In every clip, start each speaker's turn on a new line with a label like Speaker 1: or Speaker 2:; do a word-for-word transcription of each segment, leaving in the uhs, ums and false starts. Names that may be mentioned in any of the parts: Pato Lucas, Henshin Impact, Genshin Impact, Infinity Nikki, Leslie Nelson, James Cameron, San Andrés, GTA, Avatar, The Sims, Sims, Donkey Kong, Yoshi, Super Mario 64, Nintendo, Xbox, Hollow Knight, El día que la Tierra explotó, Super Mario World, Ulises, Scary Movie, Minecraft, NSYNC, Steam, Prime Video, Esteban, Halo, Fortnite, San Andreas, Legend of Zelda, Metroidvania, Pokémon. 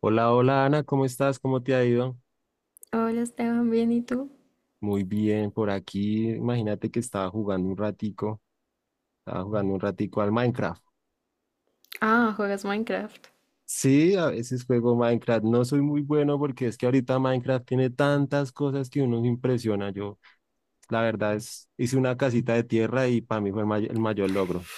Speaker 1: Hola, hola Ana, ¿cómo estás? ¿Cómo te ha ido?
Speaker 2: Hola Esteban, bien, ¿y tú?
Speaker 1: Muy bien, por aquí imagínate que estaba jugando un ratico, estaba jugando un ratico al Minecraft.
Speaker 2: Ah, juegas Minecraft.
Speaker 1: Sí, a veces juego Minecraft, no soy muy bueno porque es que ahorita Minecraft tiene tantas cosas que uno se impresiona. Yo, la verdad es, hice una casita de tierra y para mí fue el, may- el mayor logro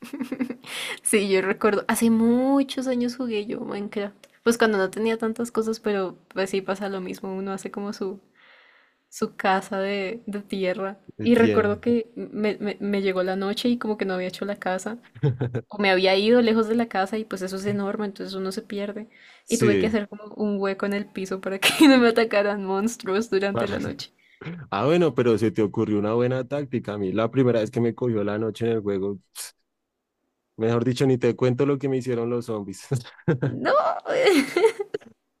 Speaker 2: Sí, yo recuerdo, hace muchos años jugué yo Minecraft. Pues cuando no tenía tantas cosas, pero pues sí pasa lo mismo, uno hace como su, su casa de, de tierra.
Speaker 1: de
Speaker 2: Y
Speaker 1: tierra.
Speaker 2: recuerdo que me, me- me llegó la noche y como que no había hecho la casa, o me había ido lejos de la casa y pues eso es enorme, entonces uno se pierde. Y tuve que
Speaker 1: Sí.
Speaker 2: hacer como un hueco en el piso para que no me atacaran monstruos durante
Speaker 1: para-
Speaker 2: la noche.
Speaker 1: Ah, bueno, pero se te ocurrió una buena táctica. A mí la primera vez que me cogió la noche en el juego, mejor dicho, ni te cuento lo que me hicieron los zombies.
Speaker 2: No,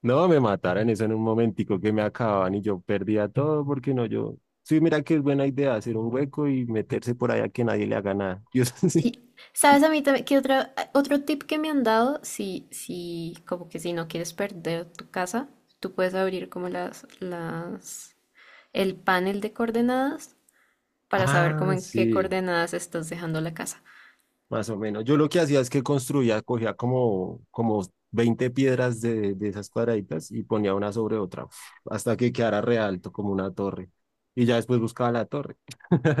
Speaker 1: No, me mataran eso en un momentico que me acababan y yo perdía todo porque no yo. Sí, mira que es buena idea hacer un hueco y meterse por allá que nadie le haga nada. Yo sí.
Speaker 2: sí. ¿Sabes a mí también que otra, otro tip que me han dado? Si, si, como que si no quieres perder tu casa, tú puedes abrir como las, las, el panel de coordenadas para saber como
Speaker 1: Ah,
Speaker 2: en qué
Speaker 1: sí,
Speaker 2: coordenadas estás dejando la casa.
Speaker 1: más o menos. Yo lo que hacía es que construía, cogía como, como veinte piedras de, de esas cuadraditas y ponía una sobre otra, uf, hasta que quedara re alto como una torre. Y ya después buscaba la torre.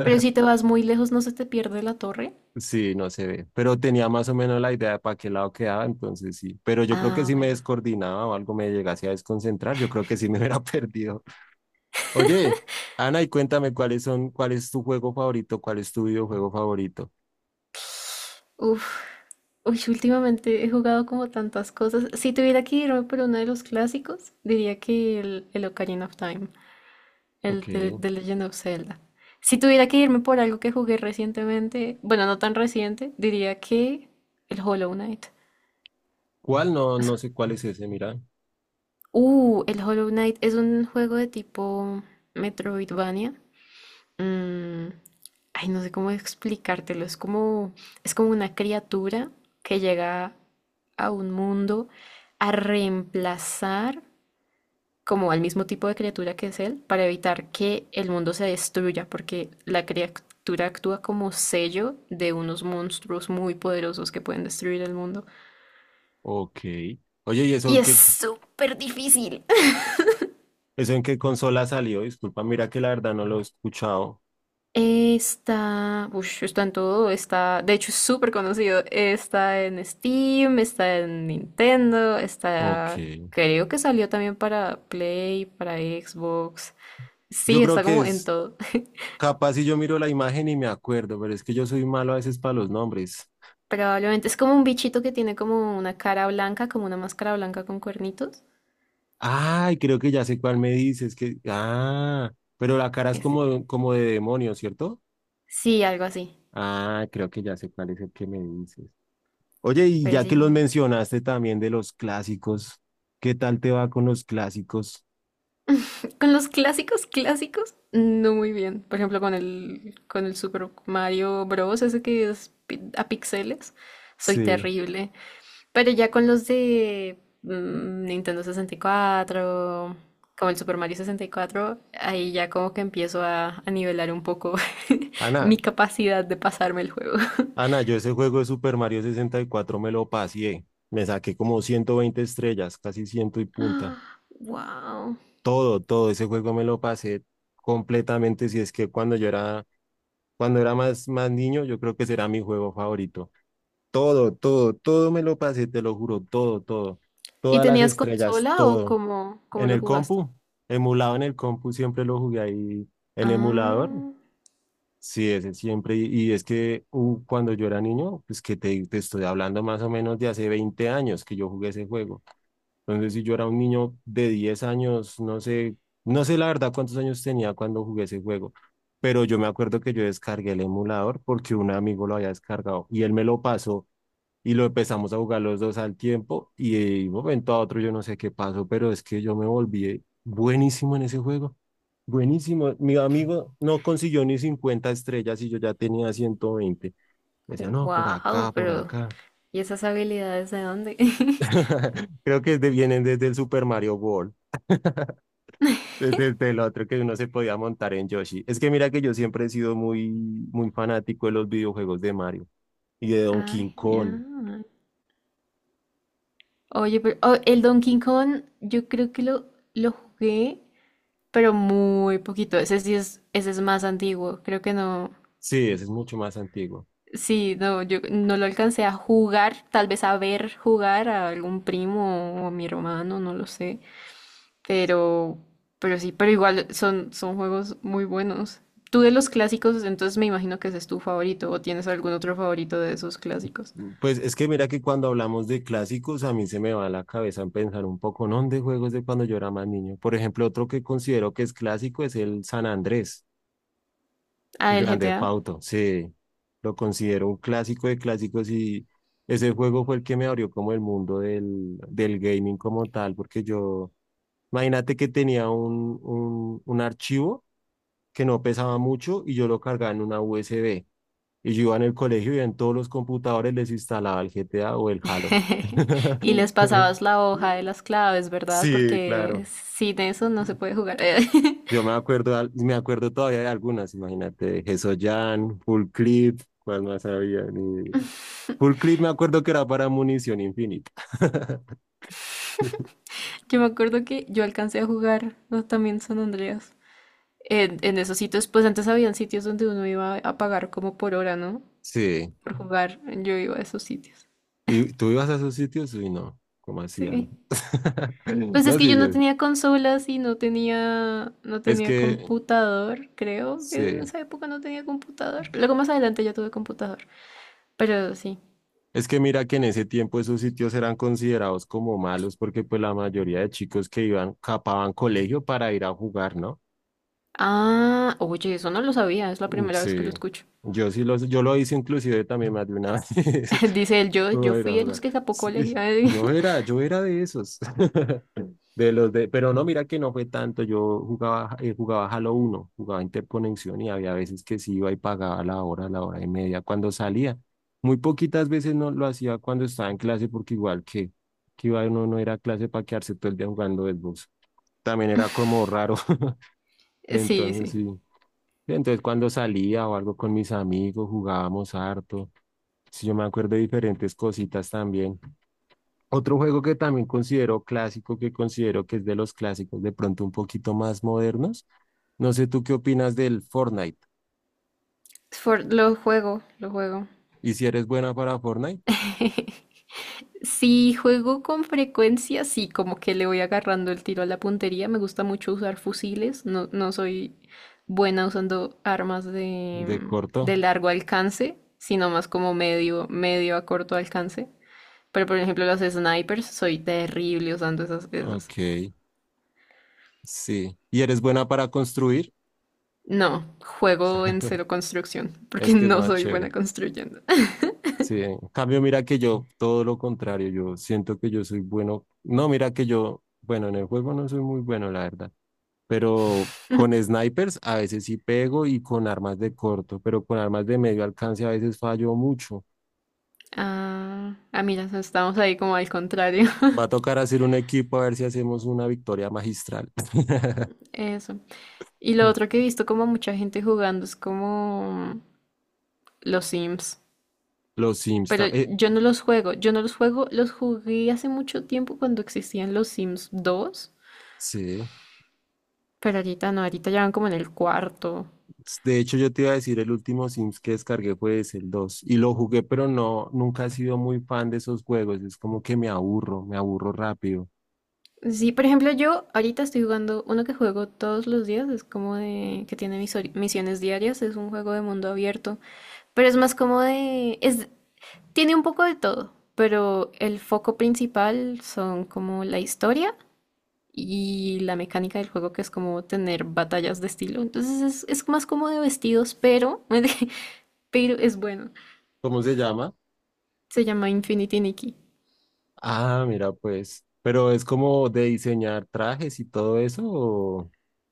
Speaker 2: Pero si te vas muy lejos, ¿no se te pierde la torre?
Speaker 1: Sí, no se ve, pero tenía más o menos la idea de para qué lado quedaba, entonces sí, pero yo creo que
Speaker 2: Ah,
Speaker 1: si me
Speaker 2: bueno.
Speaker 1: descoordinaba o algo me llegase a desconcentrar, yo creo que sí me hubiera perdido. Oye, Ana, y cuéntame cuáles son, cuál es tu juego favorito, cuál es tu videojuego favorito.
Speaker 2: Uf. Uy, últimamente he jugado como tantas cosas. Si tuviera que irme por uno de los clásicos, diría que el, el Ocarina of Time. El
Speaker 1: Ok.
Speaker 2: de, de Legend of Zelda. Si tuviera que irme por algo que jugué recientemente, bueno, no tan reciente, diría que el Hollow Knight.
Speaker 1: ¿Cuál? No,
Speaker 2: O sea,
Speaker 1: no sé cuál es ese, mira.
Speaker 2: Uh, el Hollow Knight es un juego de tipo Metroidvania. Mm, ay, no sé cómo explicártelo. Es como, es como una criatura que llega a un mundo a reemplazar como al mismo tipo de criatura que es él, para evitar que el mundo se destruya, porque la criatura actúa como sello de unos monstruos muy poderosos que pueden destruir el mundo.
Speaker 1: Ok. Oye, ¿y eso
Speaker 2: Y
Speaker 1: en
Speaker 2: es
Speaker 1: qué,
Speaker 2: súper difícil.
Speaker 1: eso en qué consola salió? Disculpa, mira que la verdad no lo he escuchado.
Speaker 2: Está, ush, está en todo, está, de hecho es súper conocido, está en Steam, está en Nintendo,
Speaker 1: Ok.
Speaker 2: está, creo que salió también para Play, para Xbox.
Speaker 1: Yo
Speaker 2: Sí,
Speaker 1: creo
Speaker 2: está
Speaker 1: que
Speaker 2: como en
Speaker 1: es
Speaker 2: todo.
Speaker 1: capaz si yo miro la imagen y me acuerdo, pero es que yo soy malo a veces para los nombres.
Speaker 2: Probablemente es como un bichito que tiene como una cara blanca, como una máscara blanca con cuernitos.
Speaker 1: Ay, creo que ya sé cuál me dices, que, ah, pero la cara es
Speaker 2: Ese.
Speaker 1: como, como de demonio, ¿cierto?
Speaker 2: Sí, algo así.
Speaker 1: Ah, creo que ya sé cuál es el que me dices. Oye, y
Speaker 2: Pero
Speaker 1: ya que los
Speaker 2: sí.
Speaker 1: mencionaste también de los clásicos, ¿qué tal te va con los clásicos?
Speaker 2: Con los clásicos, clásicos, no muy bien. Por ejemplo, con el, con el Super Mario Bros. Ese que es pi- a píxeles. Soy
Speaker 1: Sí.
Speaker 2: terrible. Pero ya con los de mm, Nintendo sesenta y cuatro, como el Super Mario sesenta y cuatro, ahí ya como que empiezo a, a nivelar un poco mi
Speaker 1: Ana,
Speaker 2: capacidad de pasarme el juego.
Speaker 1: Ana, yo ese juego de Super Mario sesenta y cuatro me lo pasé. Me saqué como ciento veinte estrellas, casi ciento y punta.
Speaker 2: Ah, wow.
Speaker 1: Todo, todo ese juego me lo pasé completamente. Si es que cuando yo era, cuando era más, más niño, yo creo que será mi juego favorito. Todo, todo, todo me lo pasé, te lo juro, todo, todo.
Speaker 2: ¿Y
Speaker 1: Todas las
Speaker 2: tenías
Speaker 1: estrellas,
Speaker 2: consola o
Speaker 1: todo.
Speaker 2: cómo, cómo
Speaker 1: En
Speaker 2: lo
Speaker 1: el
Speaker 2: jugaste?
Speaker 1: compu, emulado en el compu, siempre lo jugué ahí en emulador.
Speaker 2: Ah,
Speaker 1: Sí, ese siempre. Y, y es que uh, cuando yo era niño, pues que te, te estoy hablando más o menos de hace veinte años que yo jugué ese juego. Entonces, si yo era un niño de diez años, no sé, no sé la verdad cuántos años tenía cuando jugué ese juego. Pero yo me acuerdo que yo descargué el emulador porque un amigo lo había descargado y él me lo pasó y lo empezamos a jugar los dos al tiempo y de un momento a otro yo no sé qué pasó, pero es que yo me volví buenísimo en ese juego. Buenísimo. Mi amigo no consiguió ni cincuenta estrellas y yo ya tenía ciento veinte. Me decía, no, por
Speaker 2: wow,
Speaker 1: acá, por
Speaker 2: pero
Speaker 1: acá.
Speaker 2: ¿y esas habilidades de dónde?
Speaker 1: Creo que de- vienen desde el Super Mario World, desde, desde el otro que uno se podía montar en Yoshi. Es que mira que yo siempre he sido muy, muy fanático de los videojuegos de Mario y de
Speaker 2: Ah,
Speaker 1: Donkey Kong.
Speaker 2: genial. Oye, pero oh, el Donkey Kong, yo creo que lo, lo jugué, pero muy poquito. Ese sí es, ese es más antiguo. Creo que no.
Speaker 1: Sí, ese es mucho más antiguo.
Speaker 2: Sí, no, yo no lo alcancé a jugar, tal vez a ver jugar a algún primo o a mi hermano, no lo sé. Pero, pero sí, pero igual son, son juegos muy buenos. Tú de los clásicos, entonces me imagino que ese es tu favorito o tienes algún otro favorito de esos clásicos.
Speaker 1: Pues es que mira que cuando hablamos de clásicos, a mí se me va a la cabeza en pensar un poco, ¿no? De juegos de cuando yo era más niño. Por ejemplo, otro que considero que es clásico es el San Andrés,
Speaker 2: Ah,
Speaker 1: el
Speaker 2: el
Speaker 1: Grande
Speaker 2: G T A.
Speaker 1: Fauto. Sí, lo considero un clásico de clásicos y ese juego fue el que me abrió como el mundo del, del gaming como tal, porque yo, imagínate que tenía un, un, un archivo que no pesaba mucho y yo lo cargaba en una U S B. Y yo iba en el colegio y en todos los computadores les instalaba el G T A o el Halo.
Speaker 2: Y les pasabas la hoja de las claves, ¿verdad?
Speaker 1: Sí,
Speaker 2: Porque
Speaker 1: claro.
Speaker 2: sin eso no se puede jugar.
Speaker 1: Yo me acuerdo, al- me acuerdo todavía de algunas, imagínate, Jan, Full Clip, cuál más había. Ni. Full Clip me acuerdo que era para munición infinita.
Speaker 2: Yo me acuerdo que yo alcancé a jugar, ¿no?, también San Andreas. En, en esos sitios, pues antes habían sitios donde uno iba a pagar como por hora, ¿no?
Speaker 1: Sí.
Speaker 2: Por jugar. Yo iba a esos sitios.
Speaker 1: ¿Y tú ibas a esos sitios? Uy, no, ¿cómo hacían?
Speaker 2: Sí. Pues es
Speaker 1: No,
Speaker 2: que
Speaker 1: sí,
Speaker 2: yo no
Speaker 1: yo.
Speaker 2: tenía consolas y no tenía, no
Speaker 1: Es
Speaker 2: tenía
Speaker 1: que,
Speaker 2: computador, creo. En
Speaker 1: sí.
Speaker 2: esa época no tenía computador. Luego más adelante ya tuve computador. Pero sí.
Speaker 1: Es que mira que en ese tiempo esos sitios eran considerados como malos porque pues la mayoría de chicos que iban capaban colegio para ir a jugar, ¿no?
Speaker 2: Ah, oye, eso no lo sabía, es la
Speaker 1: Mm,
Speaker 2: primera vez que lo
Speaker 1: sí,
Speaker 2: escucho.
Speaker 1: yo sí los, yo lo hice inclusive también más de una vez.
Speaker 2: Dice él, yo, yo
Speaker 1: Voy a ir
Speaker 2: fui
Speaker 1: a
Speaker 2: de los
Speaker 1: jugar.
Speaker 2: que capó
Speaker 1: Sí,
Speaker 2: colegio.
Speaker 1: yo era, yo era de esos. De los de, pero no, mira que no fue tanto. Yo jugaba, eh, jugaba Halo uno jugaba interconexión y había veces que sí iba y pagaba la hora, la hora y media cuando salía. Muy poquitas veces no lo hacía cuando estaba en clase, porque igual que, que iba uno no era clase para quedarse todo el día jugando Xbox. También era como raro.
Speaker 2: Sí,
Speaker 1: Entonces
Speaker 2: sí.
Speaker 1: sí. Entonces cuando salía o algo con mis amigos, jugábamos harto. Sí, yo me acuerdo de diferentes cositas también. Otro juego que también considero clásico, que considero que es de los clásicos, de pronto un poquito más modernos. No sé tú qué opinas del Fortnite.
Speaker 2: For- lo juego, lo juego.
Speaker 1: ¿Y si eres buena para Fortnite?
Speaker 2: Si juego con frecuencia, sí, como que le voy agarrando el tiro a la puntería. Me gusta mucho usar fusiles. No, no soy buena usando armas de,
Speaker 1: De
Speaker 2: mm,
Speaker 1: corto.
Speaker 2: de largo alcance, sino más como medio, medio a corto alcance. Pero por ejemplo, los snipers, soy terrible usando esas, esas.
Speaker 1: Ok, sí. ¿Y eres buena para construir?
Speaker 2: No, juego en cero construcción, porque
Speaker 1: Es que es
Speaker 2: no
Speaker 1: más
Speaker 2: soy buena
Speaker 1: chévere.
Speaker 2: construyendo.
Speaker 1: Sí, en cambio, mira que yo, todo lo contrario, yo siento que yo soy bueno. No, mira que yo, bueno, en el juego no soy muy bueno, la verdad. Pero con snipers a veces sí pego y con armas de corto, pero con armas de medio alcance a veces fallo mucho.
Speaker 2: Ah, ah, mira, estamos ahí como al contrario.
Speaker 1: Va a tocar hacer un equipo a ver si hacemos una victoria magistral.
Speaker 2: Eso. Y lo otro que he visto como mucha gente jugando es como los Sims.
Speaker 1: Los Sims
Speaker 2: Pero
Speaker 1: también.
Speaker 2: yo no los juego, yo no los juego, los jugué hace mucho tiempo cuando existían los Sims dos,
Speaker 1: Sí.
Speaker 2: pero ahorita no, ahorita ya van como en el cuarto.
Speaker 1: De hecho, yo te iba a decir, el último Sims que descargué fue ese, el dos. Y lo jugué, pero no, nunca he sido muy fan de esos juegos. Es como que me aburro, me aburro rápido.
Speaker 2: Sí, por ejemplo, yo ahorita estoy jugando uno que juego todos los días, es como de que tiene mis ori- misiones diarias, es un juego de mundo abierto, pero es más como de es tiene un poco de todo, pero el foco principal son como la historia y la mecánica del juego que es como tener batallas de estilo. Entonces es, es más como de vestidos, pero, pero es bueno.
Speaker 1: ¿Cómo se llama?
Speaker 2: Se llama Infinity Nikki.
Speaker 1: Ah, mira, pues. Pero es como de diseñar trajes y todo eso.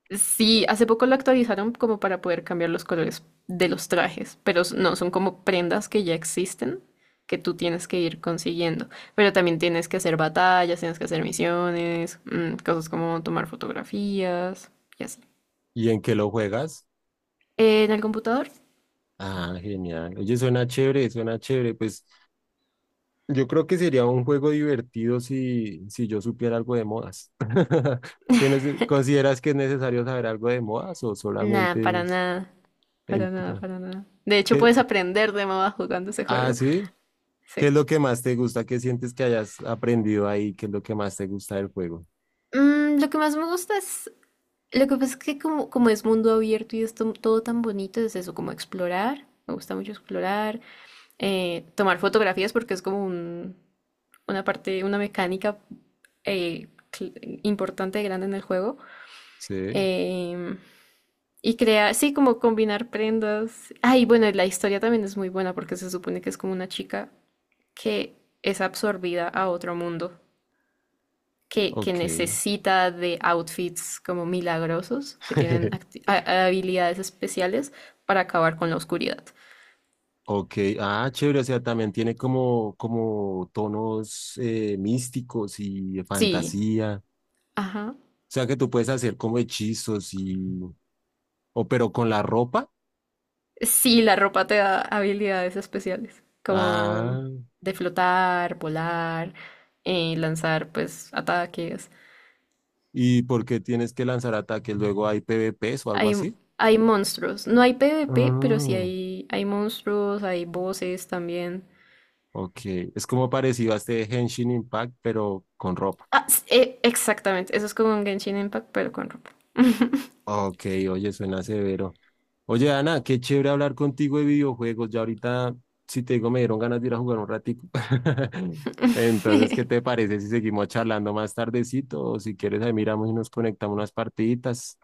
Speaker 2: Sí, hace poco lo actualizaron como para poder cambiar los colores de los trajes, pero s- no, son como prendas que ya existen que tú tienes que ir consiguiendo. Pero también tienes que hacer batallas, tienes que hacer misiones, mm, cosas como tomar fotografías y así.
Speaker 1: ¿Y en qué lo juegas?
Speaker 2: En el computador.
Speaker 1: Ah, genial. Oye, suena chévere, suena chévere. Pues yo creo que sería un juego divertido si, si yo supiera algo de modas. ¿Tienes, consideras que es necesario saber algo de modas o
Speaker 2: Nada,
Speaker 1: solamente
Speaker 2: para
Speaker 1: es
Speaker 2: nada. Para nada,
Speaker 1: entrar?
Speaker 2: para nada. De hecho,
Speaker 1: ¿Qué?
Speaker 2: puedes aprender de mamá jugando ese
Speaker 1: Ah,
Speaker 2: juego.
Speaker 1: sí. ¿Qué
Speaker 2: Sí.
Speaker 1: es lo que más te gusta? ¿Qué sientes que hayas aprendido ahí? ¿Qué es lo que más te gusta del juego?
Speaker 2: Mm, lo que más me gusta es. Lo que pasa es que, como, como es mundo abierto y es to- todo tan bonito, es eso, como explorar. Me gusta mucho explorar. Eh, tomar fotografías porque es como un- una parte, una mecánica eh, cl- importante y grande en el juego.
Speaker 1: Sí,
Speaker 2: Em, y crear, sí, como combinar prendas. Ay, bueno, y la historia también es muy buena porque se supone que es como una chica que es absorbida a otro mundo, que, que
Speaker 1: ok.
Speaker 2: necesita de outfits como milagrosos, que tienen acti- a- habilidades especiales para acabar con la oscuridad.
Speaker 1: Ok, ah, chévere, o sea, también tiene como, como tonos eh, místicos y de
Speaker 2: Sí,
Speaker 1: fantasía.
Speaker 2: ajá.
Speaker 1: O sea que tú puedes hacer como hechizos y. O pero con la ropa.
Speaker 2: Sí, la ropa te da habilidades especiales, como
Speaker 1: Ah,
Speaker 2: de flotar, volar, eh, lanzar pues ataques.
Speaker 1: ¿y por qué tienes que lanzar ataques? Luego hay PvPs o algo
Speaker 2: Hay,
Speaker 1: así.
Speaker 2: hay monstruos. No hay PvP, pero sí
Speaker 1: Ah,
Speaker 2: hay, hay monstruos, hay voces también.
Speaker 1: ok. Es como parecido a este Henshin Impact, pero con ropa.
Speaker 2: Ah, s- eh, exactamente, eso es como un Genshin Impact, pero con ropa.
Speaker 1: Ok, oye, suena severo. Oye, Ana, qué chévere hablar contigo de videojuegos. Ya ahorita, si te digo, me dieron ganas de ir a jugar un ratico. Entonces, ¿qué te parece si seguimos charlando más tardecito? O si quieres, ahí miramos y nos conectamos unas partiditas.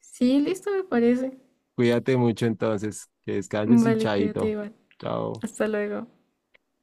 Speaker 2: Sí, listo, me parece.
Speaker 1: Cuídate mucho entonces, que descanses y
Speaker 2: Vale, cuídate
Speaker 1: chaito.
Speaker 2: igual.
Speaker 1: Chao.
Speaker 2: Hasta luego.